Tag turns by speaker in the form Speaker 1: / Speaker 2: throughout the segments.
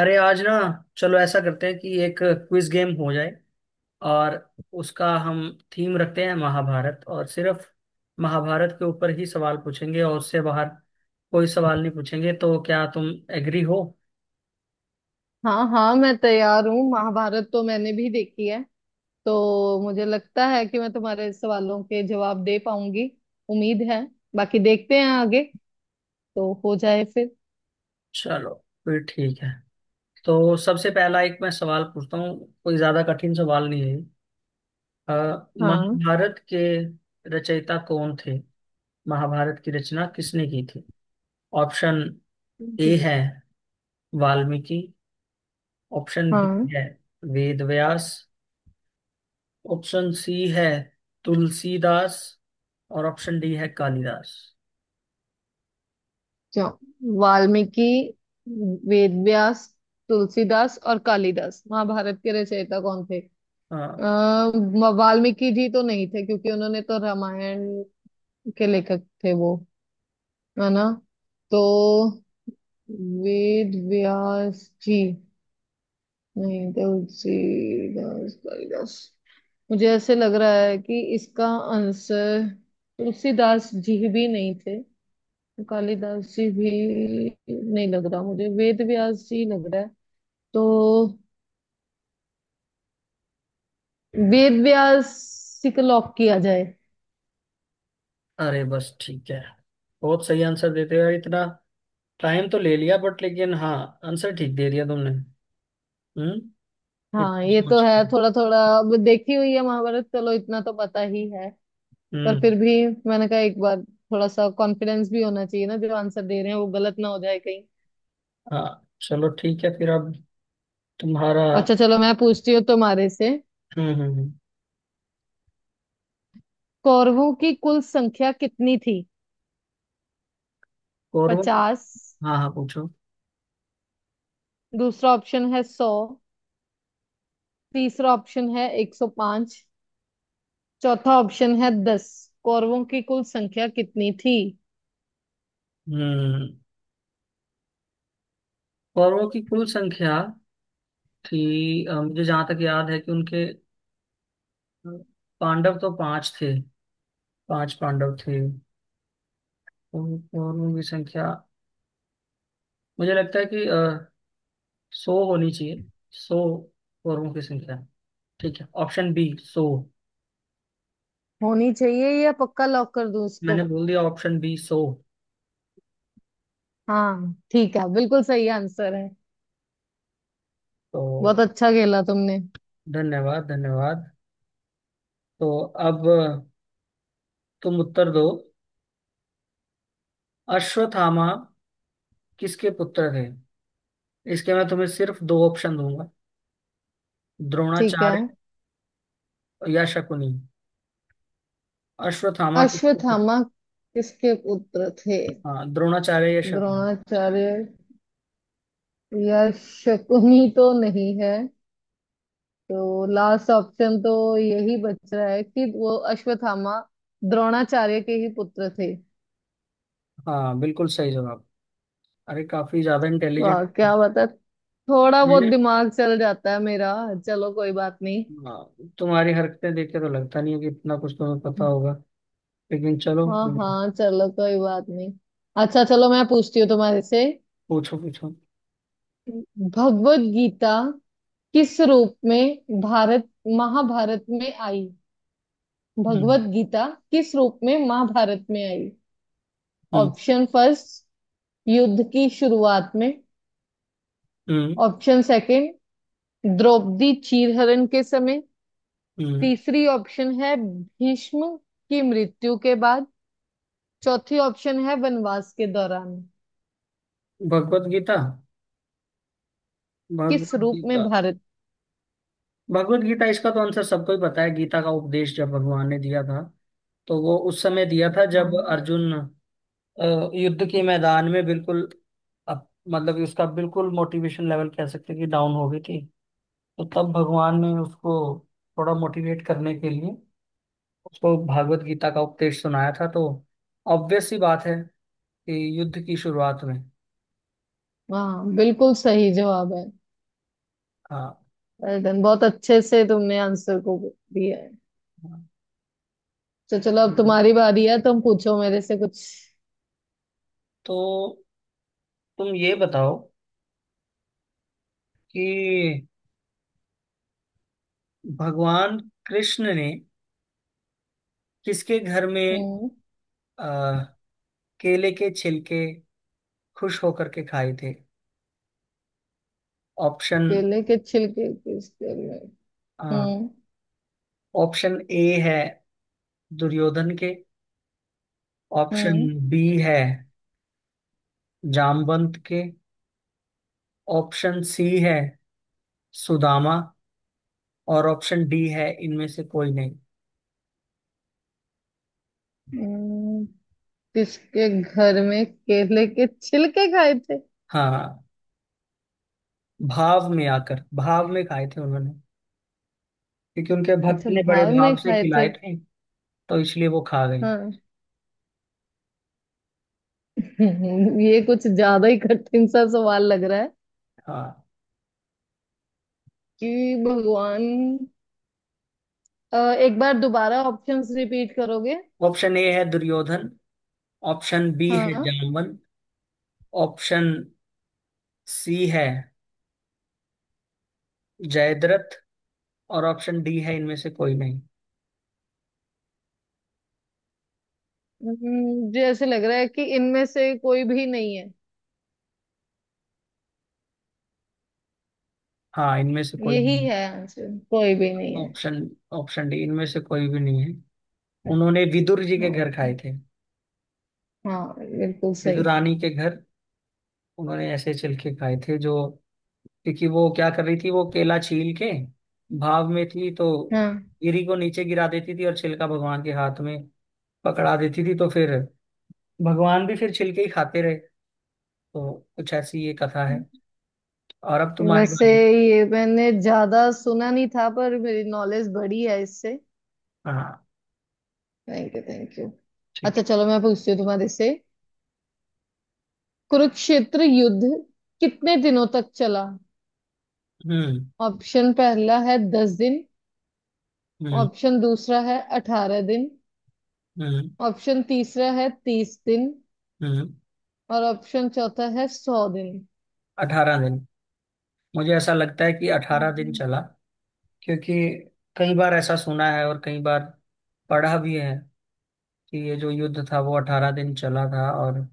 Speaker 1: अरे आज ना, चलो ऐसा करते हैं कि एक क्विज गेम हो जाए। और उसका हम थीम रखते हैं महाभारत। और सिर्फ महाभारत के ऊपर ही सवाल पूछेंगे और उससे बाहर कोई सवाल नहीं पूछेंगे। तो क्या तुम एग्री हो?
Speaker 2: हाँ हाँ, मैं तैयार हूँ। महाभारत तो मैंने भी देखी है, तो मुझे लगता है कि मैं तुम्हारे सवालों के जवाब दे पाऊंगी। उम्मीद है। बाकी देखते हैं आगे। तो हो जाए फिर।
Speaker 1: चलो, फिर ठीक है। तो सबसे पहला एक मैं सवाल पूछता हूँ। कोई ज्यादा कठिन सवाल नहीं है। अ,
Speaker 2: हाँ
Speaker 1: महाभारत के रचयिता कौन थे? महाभारत की रचना किसने की थी? ऑप्शन ए है वाल्मीकि। ऑप्शन बी
Speaker 2: हाँ।
Speaker 1: है वेद व्यास। ऑप्शन सी है तुलसीदास। और ऑप्शन डी है कालिदास।
Speaker 2: जाओ। वाल्मीकि, वेद व्यास, तुलसीदास और कालिदास, महाभारत के रचयिता कौन थे?
Speaker 1: हाँ।
Speaker 2: आ, वाल्मीकि जी तो नहीं थे क्योंकि उन्होंने तो रामायण के लेखक थे वो, है ना। तो वेद व्यास जी, नहीं, तुलसीदास, कालिदास, मुझे ऐसे लग रहा है कि इसका आंसर तुलसीदास जी भी नहीं थे, कालिदास जी भी नहीं लग रहा मुझे, वेद व्यास जी लग रहा है। तो वेद व्यास जी को लॉक किया जाए।
Speaker 1: अरे बस ठीक है। बहुत सही आंसर देते हो यार। इतना टाइम तो ले लिया बट लेकिन हाँ, आंसर ठीक दे दिया तुमने। हम्म।
Speaker 2: हाँ,
Speaker 1: इतना
Speaker 2: ये तो
Speaker 1: सोच
Speaker 2: है।
Speaker 1: के।
Speaker 2: थोड़ा थोड़ा अब देखी हुई है महाभारत, चलो इतना तो पता ही है। पर
Speaker 1: हम्म।
Speaker 2: फिर भी मैंने कहा एक बार थोड़ा सा कॉन्फिडेंस भी होना चाहिए ना, जो आंसर दे रहे हैं वो गलत ना हो जाए।
Speaker 1: हाँ, चलो ठीक है फिर। अब तुम्हारा।
Speaker 2: अच्छा चलो, मैं पूछती हूँ तुम्हारे से।
Speaker 1: हम्म।
Speaker 2: कौरवों की कुल संख्या कितनी थी?
Speaker 1: कौरवों की।
Speaker 2: 50।
Speaker 1: हाँ हाँ, पूछो।
Speaker 2: दूसरा ऑप्शन है 100। तीसरा ऑप्शन है 105। चौथा ऑप्शन है 10। कौरवों की कुल संख्या कितनी थी?
Speaker 1: हम्म। कौरवों की कुल संख्या थी। मुझे जहां तक याद है कि उनके पांडव तो पांच थे। पांच पांडव थे। और कौरवों की संख्या मुझे लगता है कि 100 होनी चाहिए। 100। कौरवों की संख्या। ठीक है, ऑप्शन बी 100।
Speaker 2: होनी चाहिए, या पक्का लॉक कर दूं
Speaker 1: मैंने
Speaker 2: इसको?
Speaker 1: बोल दिया ऑप्शन बी 100।
Speaker 2: हाँ ठीक है, बिल्कुल सही आंसर है।
Speaker 1: तो
Speaker 2: बहुत अच्छा खेला तुमने।
Speaker 1: धन्यवाद धन्यवाद। तो अब तुम उत्तर दो। अश्वत्थामा किसके पुत्र थे? इसके मैं तुम्हें सिर्फ दो ऑप्शन दूंगा।
Speaker 2: ठीक है।
Speaker 1: द्रोणाचार्य या शकुनी। अश्वत्थामा किसके पुत्र?
Speaker 2: अश्वत्थामा किसके पुत्र थे?
Speaker 1: हाँ, द्रोणाचार्य या शकुनी।
Speaker 2: द्रोणाचार्य या शकुनी तो नहीं है, तो लास्ट ऑप्शन तो यही बच रहा है कि वो अश्वत्थामा द्रोणाचार्य के ही पुत्र थे।
Speaker 1: हाँ बिल्कुल सही जवाब। अरे काफी ज्यादा इंटेलिजेंट।
Speaker 2: वाह क्या बता। थोड़ा बहुत
Speaker 1: मैंने।
Speaker 2: दिमाग चल जाता है मेरा। चलो कोई बात नहीं।
Speaker 1: हाँ, तुम्हारी हरकतें देख के तो लगता नहीं है कि इतना कुछ तुम्हें पता होगा। लेकिन चलो
Speaker 2: हाँ
Speaker 1: कोई नहीं।
Speaker 2: हाँ, चलो कोई बात नहीं। अच्छा चलो, मैं पूछती हूँ तुम्हारे से।
Speaker 1: पूछो पूछो।
Speaker 2: भगवत गीता किस रूप में भारत, महाभारत में आई?
Speaker 1: हम्म
Speaker 2: भगवत गीता किस रूप में महाभारत में आई?
Speaker 1: हम्म
Speaker 2: ऑप्शन फर्स्ट, युद्ध की शुरुआत में।
Speaker 1: हम्म
Speaker 2: ऑप्शन सेकंड, द्रौपदी चीरहरण के समय।
Speaker 1: हम्म।
Speaker 2: तीसरी ऑप्शन है भीष्म की मृत्यु के बाद। चौथी ऑप्शन है वनवास के दौरान।
Speaker 1: भगवत गीता।
Speaker 2: किस
Speaker 1: भगवत
Speaker 2: रूप में
Speaker 1: गीता।
Speaker 2: भारत।
Speaker 1: भगवत गीता इसका तो आंसर सबको ही पता है। गीता का उपदेश जब भगवान ने दिया था, तो वो उस समय दिया था जब
Speaker 2: हाँ
Speaker 1: अर्जुन युद्ध के मैदान में बिल्कुल अप- मतलब कि उसका बिल्कुल मोटिवेशन लेवल कह सकते हैं कि डाउन हो गई थी। तो तब भगवान ने उसको थोड़ा मोटिवेट करने के लिए उसको भागवत गीता का उपदेश सुनाया था। तो ऑब्वियस सी बात है कि युद्ध की शुरुआत में।
Speaker 2: हाँ, बिल्कुल सही जवाब है।
Speaker 1: हाँ।
Speaker 2: वेल डन, बहुत अच्छे से तुमने आंसर को दिया है।
Speaker 1: हाँ,
Speaker 2: तो चलो, अब तुम्हारी बारी है, तुम पूछो मेरे से कुछ।
Speaker 1: तो तुम ये बताओ कि भगवान कृष्ण ने किसके घर में
Speaker 2: हम्म
Speaker 1: आ, केले के छिलके खुश होकर के खाए थे? ऑप्शन।
Speaker 2: केले के छिलके किसके लिए? हम्म
Speaker 1: ऑप्शन ए है दुर्योधन के। ऑप्शन
Speaker 2: हम्म।
Speaker 1: बी है जामवंत के। ऑप्शन सी है सुदामा। और ऑप्शन डी है इनमें से कोई नहीं।
Speaker 2: हम्म, किसके घर में केले के छिलके खाए थे?
Speaker 1: हाँ, भाव में आकर भाव में खाए थे उन्होंने, क्योंकि उनके भक्त
Speaker 2: अच्छा,
Speaker 1: ने बड़े
Speaker 2: भाव में
Speaker 1: भाव से
Speaker 2: खाए
Speaker 1: खिलाए
Speaker 2: थे।
Speaker 1: थे। तो इसलिए वो खा गए।
Speaker 2: हाँ ये कुछ ज्यादा ही कठिन सा सवाल लग रहा है।
Speaker 1: हाँ।
Speaker 2: कि भगवान, अ, एक बार दोबारा ऑप्शंस रिपीट करोगे?
Speaker 1: ऑप्शन ए है दुर्योधन। ऑप्शन बी है
Speaker 2: हाँ।
Speaker 1: जामवन। ऑप्शन सी है जयद्रथ। और ऑप्शन डी है इनमें से कोई नहीं।
Speaker 2: मुझे ऐसे लग रहा है कि इनमें से कोई भी नहीं है।
Speaker 1: हाँ, इनमें से कोई भी
Speaker 2: यही
Speaker 1: नहीं।
Speaker 2: है आंसर, कोई भी नहीं है।
Speaker 1: ऑप्शन। ऑप्शन डी, इनमें से कोई भी नहीं है। उन्होंने विदुर जी के
Speaker 2: हाँ
Speaker 1: घर खाए थे।
Speaker 2: हाँ, बिल्कुल सही।
Speaker 1: विदुरानी के घर उन्होंने ऐसे छिलके खाए थे जो, क्योंकि वो क्या कर रही थी, वो केला छील के भाव में थी तो
Speaker 2: हाँ।
Speaker 1: गिरी को नीचे गिरा देती थी और छिलका भगवान के हाथ में पकड़ा देती थी। तो फिर भगवान भी फिर छिलके ही खाते रहे। तो कुछ ऐसी ये कथा है। और अब तुम्हारी
Speaker 2: वैसे,
Speaker 1: बारी।
Speaker 2: ये मैंने ज्यादा सुना नहीं था, पर मेरी नॉलेज बढ़ी है इससे।
Speaker 1: हाँ
Speaker 2: थैंक यू, थैंक यू।
Speaker 1: ठीक।
Speaker 2: अच्छा चलो, मैं पूछती हूँ तुम्हारे से। कुरुक्षेत्र युद्ध कितने दिनों तक चला?
Speaker 1: हम्म
Speaker 2: ऑप्शन पहला है 10 दिन।
Speaker 1: हम्म
Speaker 2: ऑप्शन दूसरा है 18 दिन।
Speaker 1: हम्म
Speaker 2: ऑप्शन तीसरा है 30 दिन।
Speaker 1: हम्म।
Speaker 2: और ऑप्शन चौथा है 100 दिन।
Speaker 1: 18 दिन। मुझे ऐसा लगता है कि 18 दिन चला, क्योंकि कई बार ऐसा सुना है और कई बार पढ़ा भी है कि ये जो युद्ध था वो 18 दिन चला था। और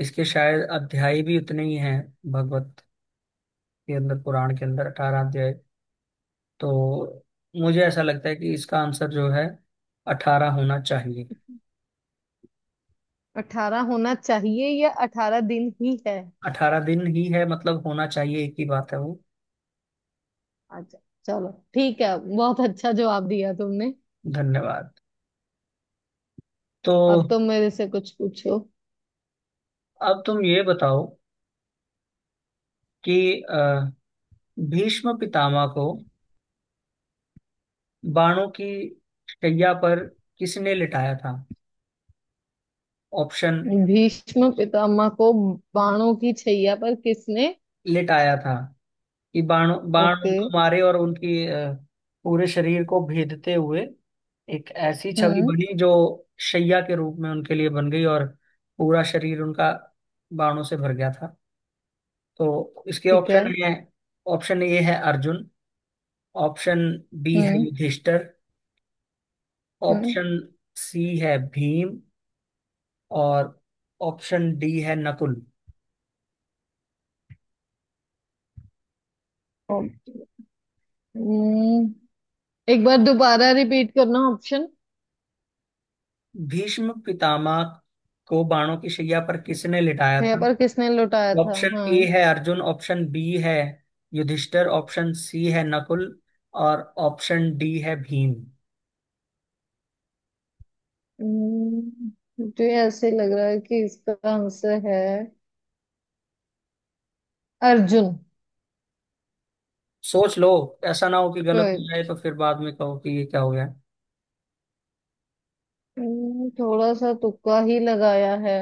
Speaker 1: इसके शायद अध्याय भी उतने ही हैं। भागवत के अंदर, पुराण के अंदर 18 अध्याय। तो मुझे ऐसा लगता है कि इसका आंसर जो है 18 होना चाहिए।
Speaker 2: 18 होना चाहिए, या 18 दिन ही है?
Speaker 1: 18 दिन ही है, मतलब होना चाहिए एक ही बात है वो।
Speaker 2: अच्छा चलो ठीक है, बहुत अच्छा जवाब दिया तुमने।
Speaker 1: धन्यवाद। तो
Speaker 2: अब तो मेरे से कुछ पूछो।
Speaker 1: अब तुम ये बताओ कि अ, भीष्म पितामह को बाणों की शैया पर किसने लिटाया था? ऑप्शन।
Speaker 2: भीष्म पितामह को बाणों की छैया पर किसने?
Speaker 1: लिटाया था कि बाण बाण
Speaker 2: ओके।
Speaker 1: उनको मारे और उनकी पूरे शरीर को भेदते हुए एक ऐसी छवि
Speaker 2: हम्म।
Speaker 1: बनी जो शैया के रूप में उनके लिए बन गई और पूरा शरीर उनका बाणों से भर गया था। तो इसके
Speaker 2: ठीक है।
Speaker 1: ऑप्शन है। ऑप्शन ए है अर्जुन। ऑप्शन बी है
Speaker 2: हम्म।
Speaker 1: युधिष्ठिर।
Speaker 2: हम्म।
Speaker 1: ऑप्शन सी है भीम। और ऑप्शन डी है नकुल।
Speaker 2: ओ- हम्म। एक बार दोबारा रिपीट करना ऑप्शन।
Speaker 1: भीष्म पितामह को बाणों की शैया पर किसने लिटाया
Speaker 2: है,
Speaker 1: था?
Speaker 2: पर किसने लुटाया था?
Speaker 1: ऑप्शन
Speaker 2: हाँ।
Speaker 1: ए है अर्जुन। ऑप्शन बी है युधिष्ठिर। ऑप्शन सी है नकुल। और ऑप्शन डी है भीम।
Speaker 2: हम्म, मुझे ऐसे लग रहा है कि इसका आंसर है अर्जुन।
Speaker 1: सोच लो, ऐसा ना हो कि गलत हो
Speaker 2: शायद।
Speaker 1: जाए तो फिर बाद में कहो कि ये क्या हो गया।
Speaker 2: थोड़ा सा तुक्का ही लगाया है।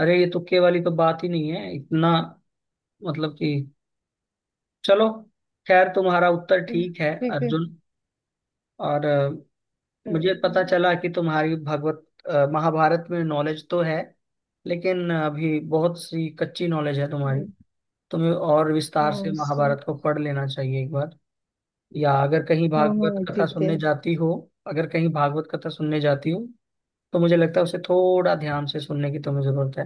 Speaker 1: अरे, ये तुक्के वाली तो बात ही नहीं है इतना। मतलब कि चलो, खैर तुम्हारा उत्तर ठीक है,
Speaker 2: ठीक है।
Speaker 1: अर्जुन। और मुझे पता
Speaker 2: हम्म।
Speaker 1: चला कि तुम्हारी भगवत, महाभारत में नॉलेज तो है, लेकिन अभी बहुत सी कच्ची नॉलेज है तुम्हारी। तुम्हें और विस्तार से
Speaker 2: हाँ से-
Speaker 1: महाभारत को पढ़ लेना चाहिए एक बार। या अगर कहीं
Speaker 2: हाँ
Speaker 1: भागवत
Speaker 2: हाँ,
Speaker 1: कथा
Speaker 2: ठीक है।
Speaker 1: सुनने जाती हो, अगर कहीं भागवत कथा सुनने जाती हो तो मुझे लगता है उसे थोड़ा ध्यान से सुनने की तुम्हें जरूरत है।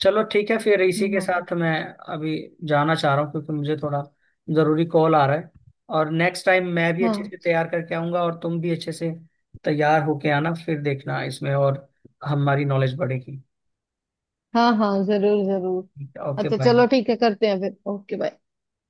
Speaker 1: चलो ठीक है फिर, इसी
Speaker 2: हाँ
Speaker 1: के
Speaker 2: हाँ
Speaker 1: साथ मैं अभी जाना चाह रहा हूँ, क्योंकि मुझे थोड़ा जरूरी कॉल आ रहा है। और नेक्स्ट टाइम मैं भी अच्छे से तैयार करके आऊंगा और तुम भी अच्छे से तैयार होके आना, फिर देखना इसमें और हमारी नॉलेज बढ़ेगी।
Speaker 2: हाँ। हाँ हाँ, जरूर जरूर।
Speaker 1: ओके
Speaker 2: अच्छा
Speaker 1: बाय।
Speaker 2: चलो ठीक है, करते हैं फिर। Okay, bye.